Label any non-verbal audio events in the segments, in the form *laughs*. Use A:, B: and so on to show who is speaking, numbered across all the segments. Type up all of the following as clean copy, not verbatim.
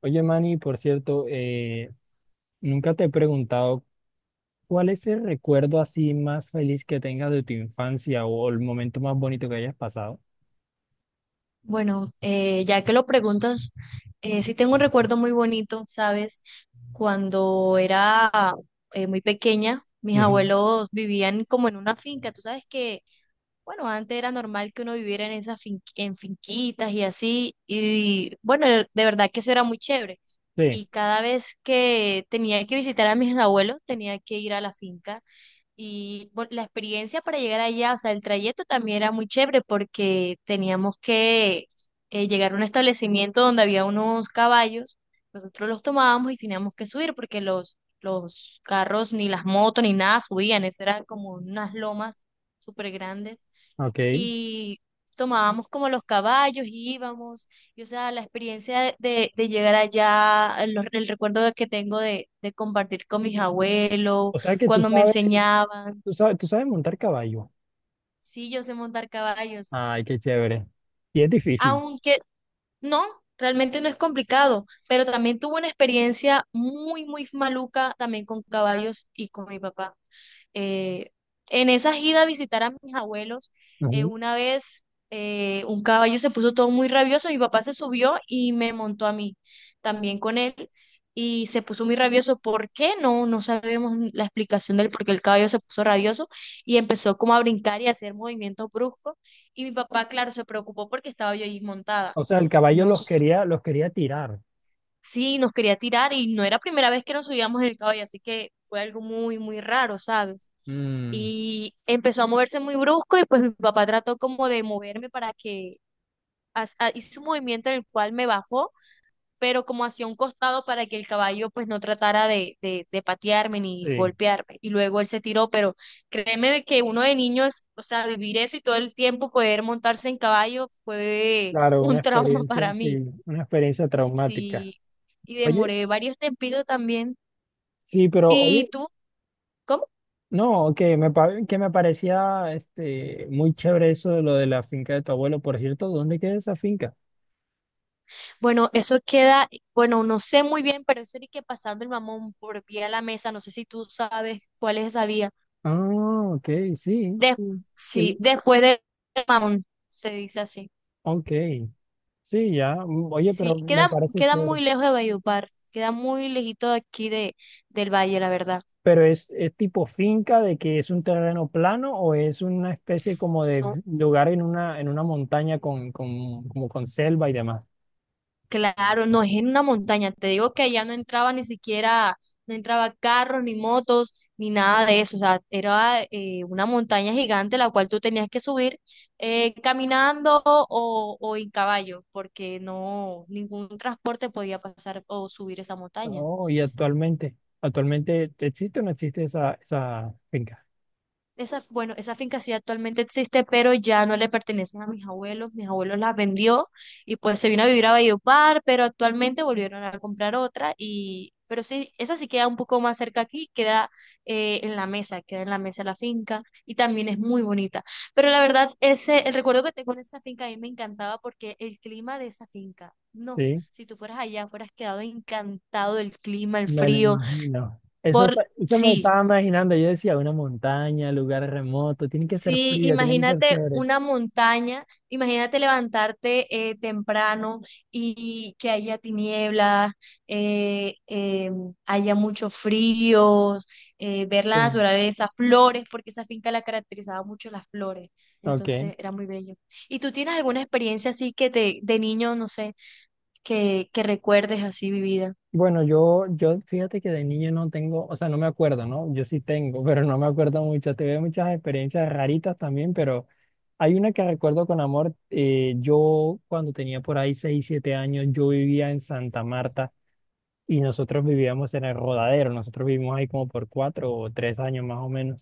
A: Oye, Manny, por cierto, nunca te he preguntado cuál es el recuerdo así más feliz que tengas de tu infancia o el momento más bonito que hayas pasado.
B: Bueno, ya que lo preguntas, sí tengo un recuerdo muy bonito, ¿sabes? Cuando era muy pequeña, mis
A: Ujú.
B: abuelos vivían como en una finca. Tú sabes que, bueno, antes era normal que uno viviera en esas en finquitas y así. Y bueno, de verdad que eso era muy chévere.
A: Sí,
B: Y cada vez que tenía que visitar a mis abuelos, tenía que ir a la finca y bueno, la experiencia para llegar allá, o sea, el trayecto también era muy chévere porque teníamos que llegar a un establecimiento donde había unos caballos, nosotros los tomábamos y teníamos que subir porque los carros, ni las motos, ni nada subían, eso eran como unas lomas súper grandes.
A: ok.
B: Y tomábamos como los caballos, y íbamos, y o sea, la experiencia de llegar allá, el recuerdo que tengo de compartir con mis abuelos,
A: O sea que tú
B: cuando me
A: sabes,
B: enseñaban.
A: tú sabes, tú sabes montar caballo.
B: Sí, yo sé montar caballos.
A: Ay, qué chévere. Y es difícil.
B: Aunque no, realmente no es complicado, pero también tuve una experiencia muy, muy maluca también con caballos y con mi papá. Eh, en esa ida a visitar a mis abuelos,
A: Ujú.
B: una vez un caballo se puso todo muy rabioso, mi papá se subió y me montó a mí también con él y se puso muy rabioso. ¿Por qué? No sabemos ni la explicación del por qué el caballo se puso rabioso y empezó como a brincar y a hacer movimientos bruscos y mi papá, claro, se preocupó porque estaba yo ahí montada
A: O sea, el caballo los
B: nos,
A: quería, los quería tirar.
B: sí, nos quería tirar y no era primera vez que nos subíamos en el caballo, así que fue algo muy, muy raro, ¿sabes?
A: Mm,
B: Y empezó a moverse muy brusco y pues mi papá trató como de moverme para que, hizo un movimiento en el cual me bajó, pero como hacia un costado para que el caballo pues no tratara de patearme ni
A: sí,
B: golpearme. Y luego él se tiró, pero créeme que uno de niños, o sea, vivir eso y todo el tiempo poder montarse en caballo fue
A: claro,
B: un *laughs* trauma para mí.
A: una experiencia traumática.
B: Sí, y
A: Oye,
B: demoré varios tempitos también.
A: sí, pero
B: ¿Y
A: oye,
B: tú? ¿Cómo?
A: no, que me, que me parecía muy chévere eso de lo de la finca de tu abuelo. Por cierto, ¿dónde queda esa finca?
B: Bueno, eso queda, bueno, no sé muy bien, pero eso era que pasando el mamón por pie a la mesa, no sé si tú sabes cuál es esa vía.
A: Ah, ok, sí,
B: De-
A: sí.
B: sí,
A: El...
B: después del mamón, se dice así.
A: ok, sí, ya. Oye,
B: Sí,
A: pero me
B: queda,
A: parece
B: queda
A: chévere.
B: muy lejos de Valledupar, queda muy lejito de aquí de, del valle, la verdad.
A: ¿Pero es tipo finca de que es un terreno plano o es una especie como de lugar en una montaña con, como con selva y demás?
B: Claro, no, es en una montaña. Te digo que allá no entraba ni siquiera, no entraba carros, ni motos, ni nada de eso. O sea, era una montaña gigante la cual tú tenías que subir caminando o en caballo, porque no, ningún transporte podía pasar o subir esa montaña.
A: Oh, actualmente, ¿existe o no existe esa finca?
B: Esa, bueno, esa finca sí actualmente existe, pero ya no le pertenece a mis abuelos. Mis abuelos la vendió y pues se vino a vivir a Valledupar, pero actualmente volvieron a comprar otra y, pero sí, esa sí queda un poco más cerca aquí, queda en la mesa, queda en la mesa la finca y también es muy bonita. Pero la verdad, ese, el recuerdo que tengo de esta finca a mí me encantaba porque el clima de esa finca, no,
A: Sí.
B: si tú fueras allá, fueras quedado encantado del clima, el
A: Me lo
B: frío,
A: imagino. Eso,
B: por,
A: eso me
B: sí.
A: estaba imaginando. Yo decía, una montaña, lugar remoto, tiene que ser
B: Sí,
A: frío, tiene que ser
B: imagínate
A: chévere.
B: una montaña, imagínate levantarte temprano y que haya tinieblas, eh, eh, haya mucho frío, ver la
A: Sí.
B: naturaleza, flores, porque esa finca la caracterizaba mucho las flores,
A: Ok.
B: entonces era muy bello. ¿Y tú tienes alguna experiencia así que te, de niño, no sé, que recuerdes así vivida?
A: Bueno, yo fíjate que de niño no tengo, o sea, no me acuerdo, ¿no? Yo sí tengo, *laughs* pero no me acuerdo mucho. Tuve muchas experiencias raritas también, pero hay una que recuerdo con amor. Yo cuando tenía por ahí 6 7 años, yo vivía en Santa Marta y nosotros vivíamos en el Rodadero. Nosotros vivimos ahí como por cuatro o tres años más o menos.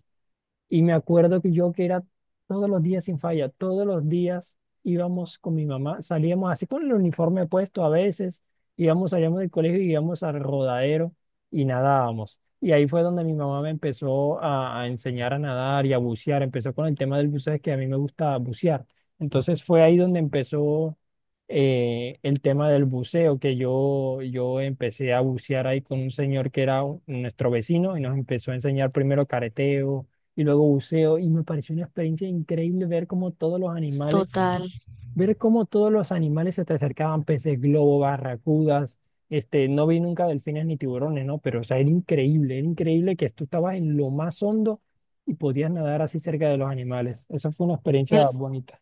A: Y me acuerdo que yo que era todos los días sin falla, todos los días íbamos con mi mamá, salíamos así con el uniforme puesto a veces, íbamos, salíamos del colegio y íbamos al rodadero y nadábamos. Y ahí fue donde mi mamá me empezó a enseñar a nadar y a bucear, empezó con el tema del buceo, que a mí me gusta bucear. Entonces fue ahí donde empezó el tema del buceo, que yo empecé a bucear ahí con un señor que era nuestro vecino y nos empezó a enseñar primero careteo y luego buceo y me pareció una experiencia increíble ver cómo todos los animales,
B: Total.
A: ver cómo todos los animales se te acercaban, peces globo, barracudas, no vi nunca delfines ni tiburones, ¿no? Pero o sea, era increíble que tú estabas en lo más hondo y podías nadar así cerca de los animales. Esa fue una
B: El-
A: experiencia bonita.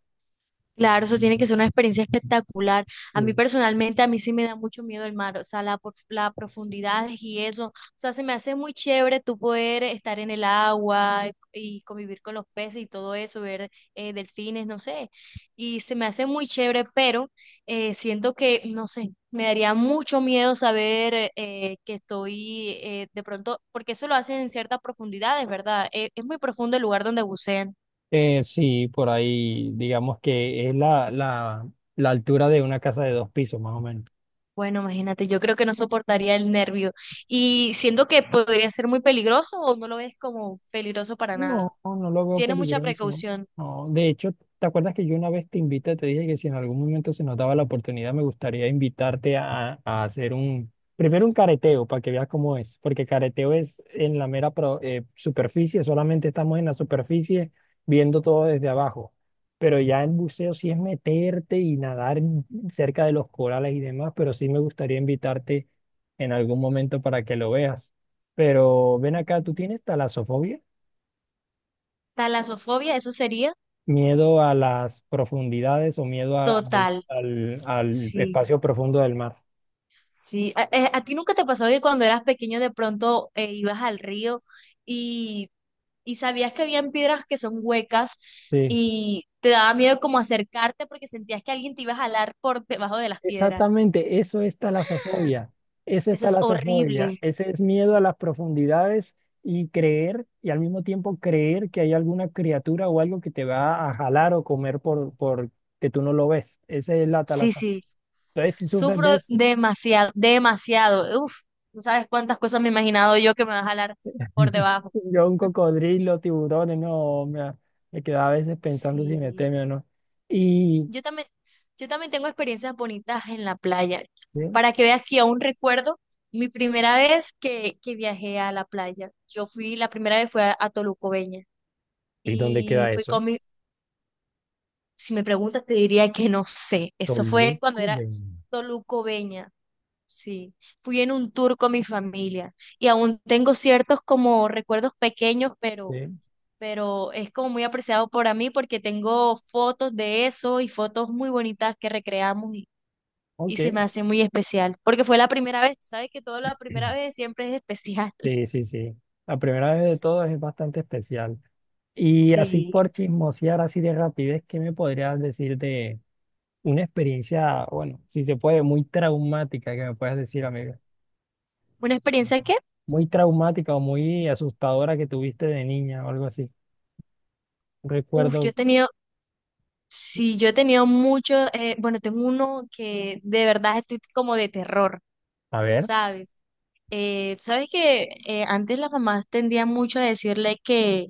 B: Claro, eso tiene que ser una experiencia espectacular. A mí
A: Sí.
B: personalmente, a mí sí me da mucho miedo el mar, o sea, la, la profundidad y eso. O sea, se me hace muy chévere tú poder estar en el agua y convivir con los peces y todo eso, ver delfines, no sé. Y se me hace muy chévere, pero siento que, no sé, me daría mucho miedo saber que estoy de pronto, porque eso lo hacen en ciertas profundidades, ¿verdad? Es muy profundo el lugar donde bucean.
A: Sí, por ahí digamos que es la altura de una casa de dos pisos, más o menos.
B: Bueno, imagínate, yo creo que no soportaría el nervio y siento que podría ser muy peligroso o no lo ves como peligroso para nada.
A: No, no lo veo
B: Tiene mucha
A: peligroso.
B: precaución.
A: No, de hecho, ¿te acuerdas que yo una vez te invité, te dije que si en algún momento se nos daba la oportunidad, me gustaría invitarte a hacer un, primero un careteo para que veas cómo es, porque careteo es en la mera superficie, solamente estamos en la superficie viendo todo desde abajo, pero ya en buceo sí es meterte y nadar en... cerca de los corales y demás, pero sí me gustaría invitarte en algún momento para que lo veas. Pero ven
B: Sí.
A: acá, ¿tú tienes talasofobia?
B: Talasofobia, eso sería
A: Miedo a las profundidades o miedo
B: total.
A: al
B: Sí,
A: espacio profundo del mar.
B: sí. ¿A, a ti nunca te pasó que cuando eras pequeño de pronto ibas al río y, y sabías que habían piedras que son huecas
A: Sí,
B: y te daba miedo como acercarte porque sentías que alguien te iba a jalar por debajo de las piedras?
A: exactamente, eso es talasofobia. Esa es
B: Eso es
A: talasofobia.
B: horrible.
A: Ese es miedo a las profundidades y creer, y al mismo tiempo creer que hay alguna criatura o algo que te va a jalar o comer por que tú no lo ves. Esa es la
B: Sí,
A: talasofobia.
B: sí.
A: Entonces, si sufres de
B: Sufro
A: eso,
B: demasiado, demasiado. Uf, tú sabes cuántas cosas me he imaginado yo que me va a jalar por
A: *laughs*
B: debajo.
A: yo un cocodrilo, tiburones, no, me quedaba a veces pensando si me
B: Sí.
A: teme o no. Y.
B: Yo también, yo también tengo experiencias bonitas en la playa.
A: ¿Sí?
B: Para que veas que aún recuerdo mi primera vez que viajé a la playa. Yo fui, la primera vez fue a Tolucobeña.
A: ¿Y dónde
B: Y
A: queda
B: fui
A: eso?
B: con mi, si me preguntas, te diría que no sé. Eso fue cuando
A: Toluco
B: era
A: 20.
B: Tolucobeña. Sí, fui en un tour con mi familia y aún tengo ciertos como recuerdos pequeños, pero es como muy apreciado para mí porque tengo fotos de eso y fotos muy bonitas que recreamos y se
A: Ok.
B: me hace muy especial porque fue la primera vez, tú sabes que todo la
A: *clears throat*
B: primera vez siempre es especial. *laughs*
A: Sí, sí, sí. La primera vez de todo es bastante especial. Y así
B: Sí,
A: por chismosear, así de rapidez, ¿qué me podrías decir de una experiencia, bueno, si se puede, muy traumática, que me puedas decir, amiga?
B: una experiencia que,
A: Muy traumática o muy asustadora que tuviste de niña o algo así.
B: uff, yo
A: Recuerdo,
B: he tenido, sí, yo he tenido mucho, bueno, tengo uno que de verdad estoy como de terror.
A: a ver,
B: ¿Sabes? Sabes que antes las mamás tendían mucho a decirle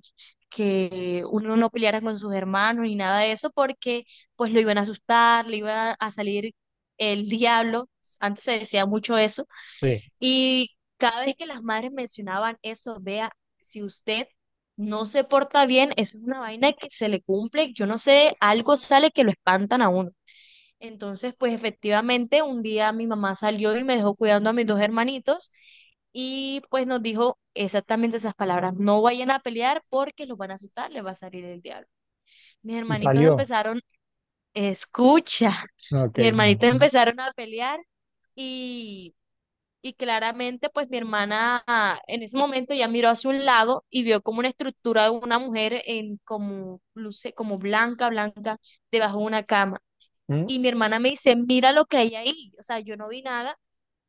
B: que uno no peleara con sus hermanos ni nada de eso porque pues lo iban a asustar, le iba a salir el diablo, antes se decía mucho eso,
A: sí,
B: y cada vez que las madres mencionaban eso, vea, si usted no se porta bien, eso es una vaina que se le cumple, yo no sé, algo sale que lo espantan a uno. Entonces, pues efectivamente, un día mi mamá salió y me dejó cuidando a mis dos hermanitos y pues nos dijo exactamente esas palabras, no vayan a pelear porque los van a asustar, les va a salir el diablo. Mis
A: y
B: hermanitos
A: salió.
B: empezaron, escucha, *laughs*
A: Ok.
B: mis hermanitos empezaron a pelear y, y claramente pues mi hermana en ese momento ya miró hacia un lado y vio como una estructura de una mujer en como, luce, como blanca, blanca, debajo de una cama.
A: Mm,
B: Y mi hermana me dice, mira lo que hay ahí. O sea, yo no vi nada,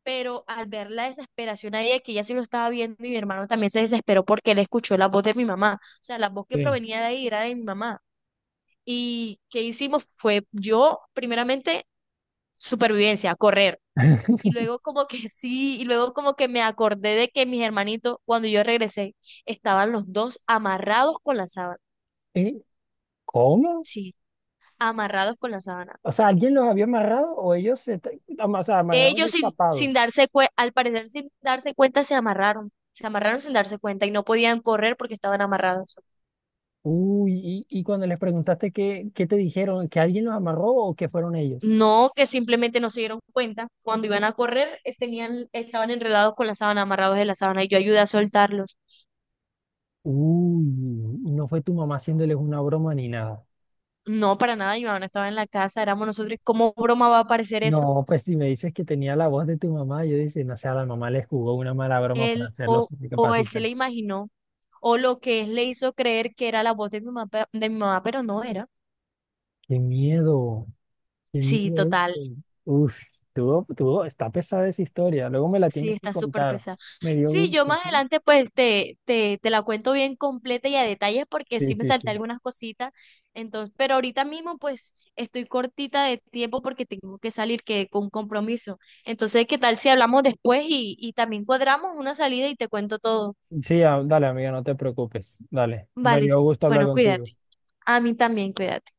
B: pero al ver la desesperación ahí, que ella sí lo estaba viendo y mi hermano también se desesperó porque él escuchó la voz de mi mamá. O sea, la voz que
A: sí.
B: provenía de ahí era de mi mamá. Y qué hicimos fue yo, primeramente, supervivencia, correr.
A: *laughs*
B: Y luego como que *laughs* sí, y luego como que me acordé de que mis hermanitos, cuando yo regresé, estaban los dos amarrados con la sábana.
A: ¿Y cómo?
B: Sí, amarrados con la sábana.
A: O sea, ¿alguien los había amarrado o ellos o sea, amarrados y
B: Ellos sin,
A: tapados?
B: sin darse cuenta, al parecer sin darse cuenta, se amarraron. Se amarraron sin darse cuenta y no podían correr porque estaban amarrados.
A: Uy, y cuando les preguntaste qué te dijeron, ¿que alguien los amarró o que fueron ellos?
B: No que simplemente no se dieron cuenta. Cuando iban a correr, tenían, estaban enredados con la sábana, amarrados de la sábana, y yo ayudé a soltarlos.
A: Uy, y no fue tu mamá haciéndoles una broma ni nada.
B: No, para nada, mi mamá no estaba en la casa, éramos nosotros. ¿Y cómo broma va a aparecer eso?
A: No, pues si me dices que tenía la voz de tu mamá, yo dice, no sé, a la mamá les jugó una mala broma para
B: Él
A: hacerlos
B: o él se
A: discapacitar.
B: le imaginó, o lo que es le hizo creer que era la voz de mi mamá, de mi mamá, pero no era.
A: Qué miedo, qué
B: Sí,
A: miedo eso.
B: total.
A: Uf, está pesada esa historia. Luego me la
B: Sí,
A: tienes que
B: está súper
A: contar.
B: pesada.
A: Me dio
B: Sí, yo
A: gusto.
B: más adelante pues te la cuento bien completa y a detalles porque
A: Sí,
B: sí me
A: sí, sí,
B: salté
A: sí.
B: algunas cositas. Entonces, pero ahorita mismo pues estoy cortita de tiempo porque tengo que salir que con un compromiso. Entonces, ¿qué tal si hablamos después y también cuadramos una salida y te cuento todo?
A: Sí, dale, amiga, no te preocupes. Dale. Me
B: Vale,
A: dio gusto hablar
B: bueno,
A: contigo.
B: cuídate. A mí también, cuídate.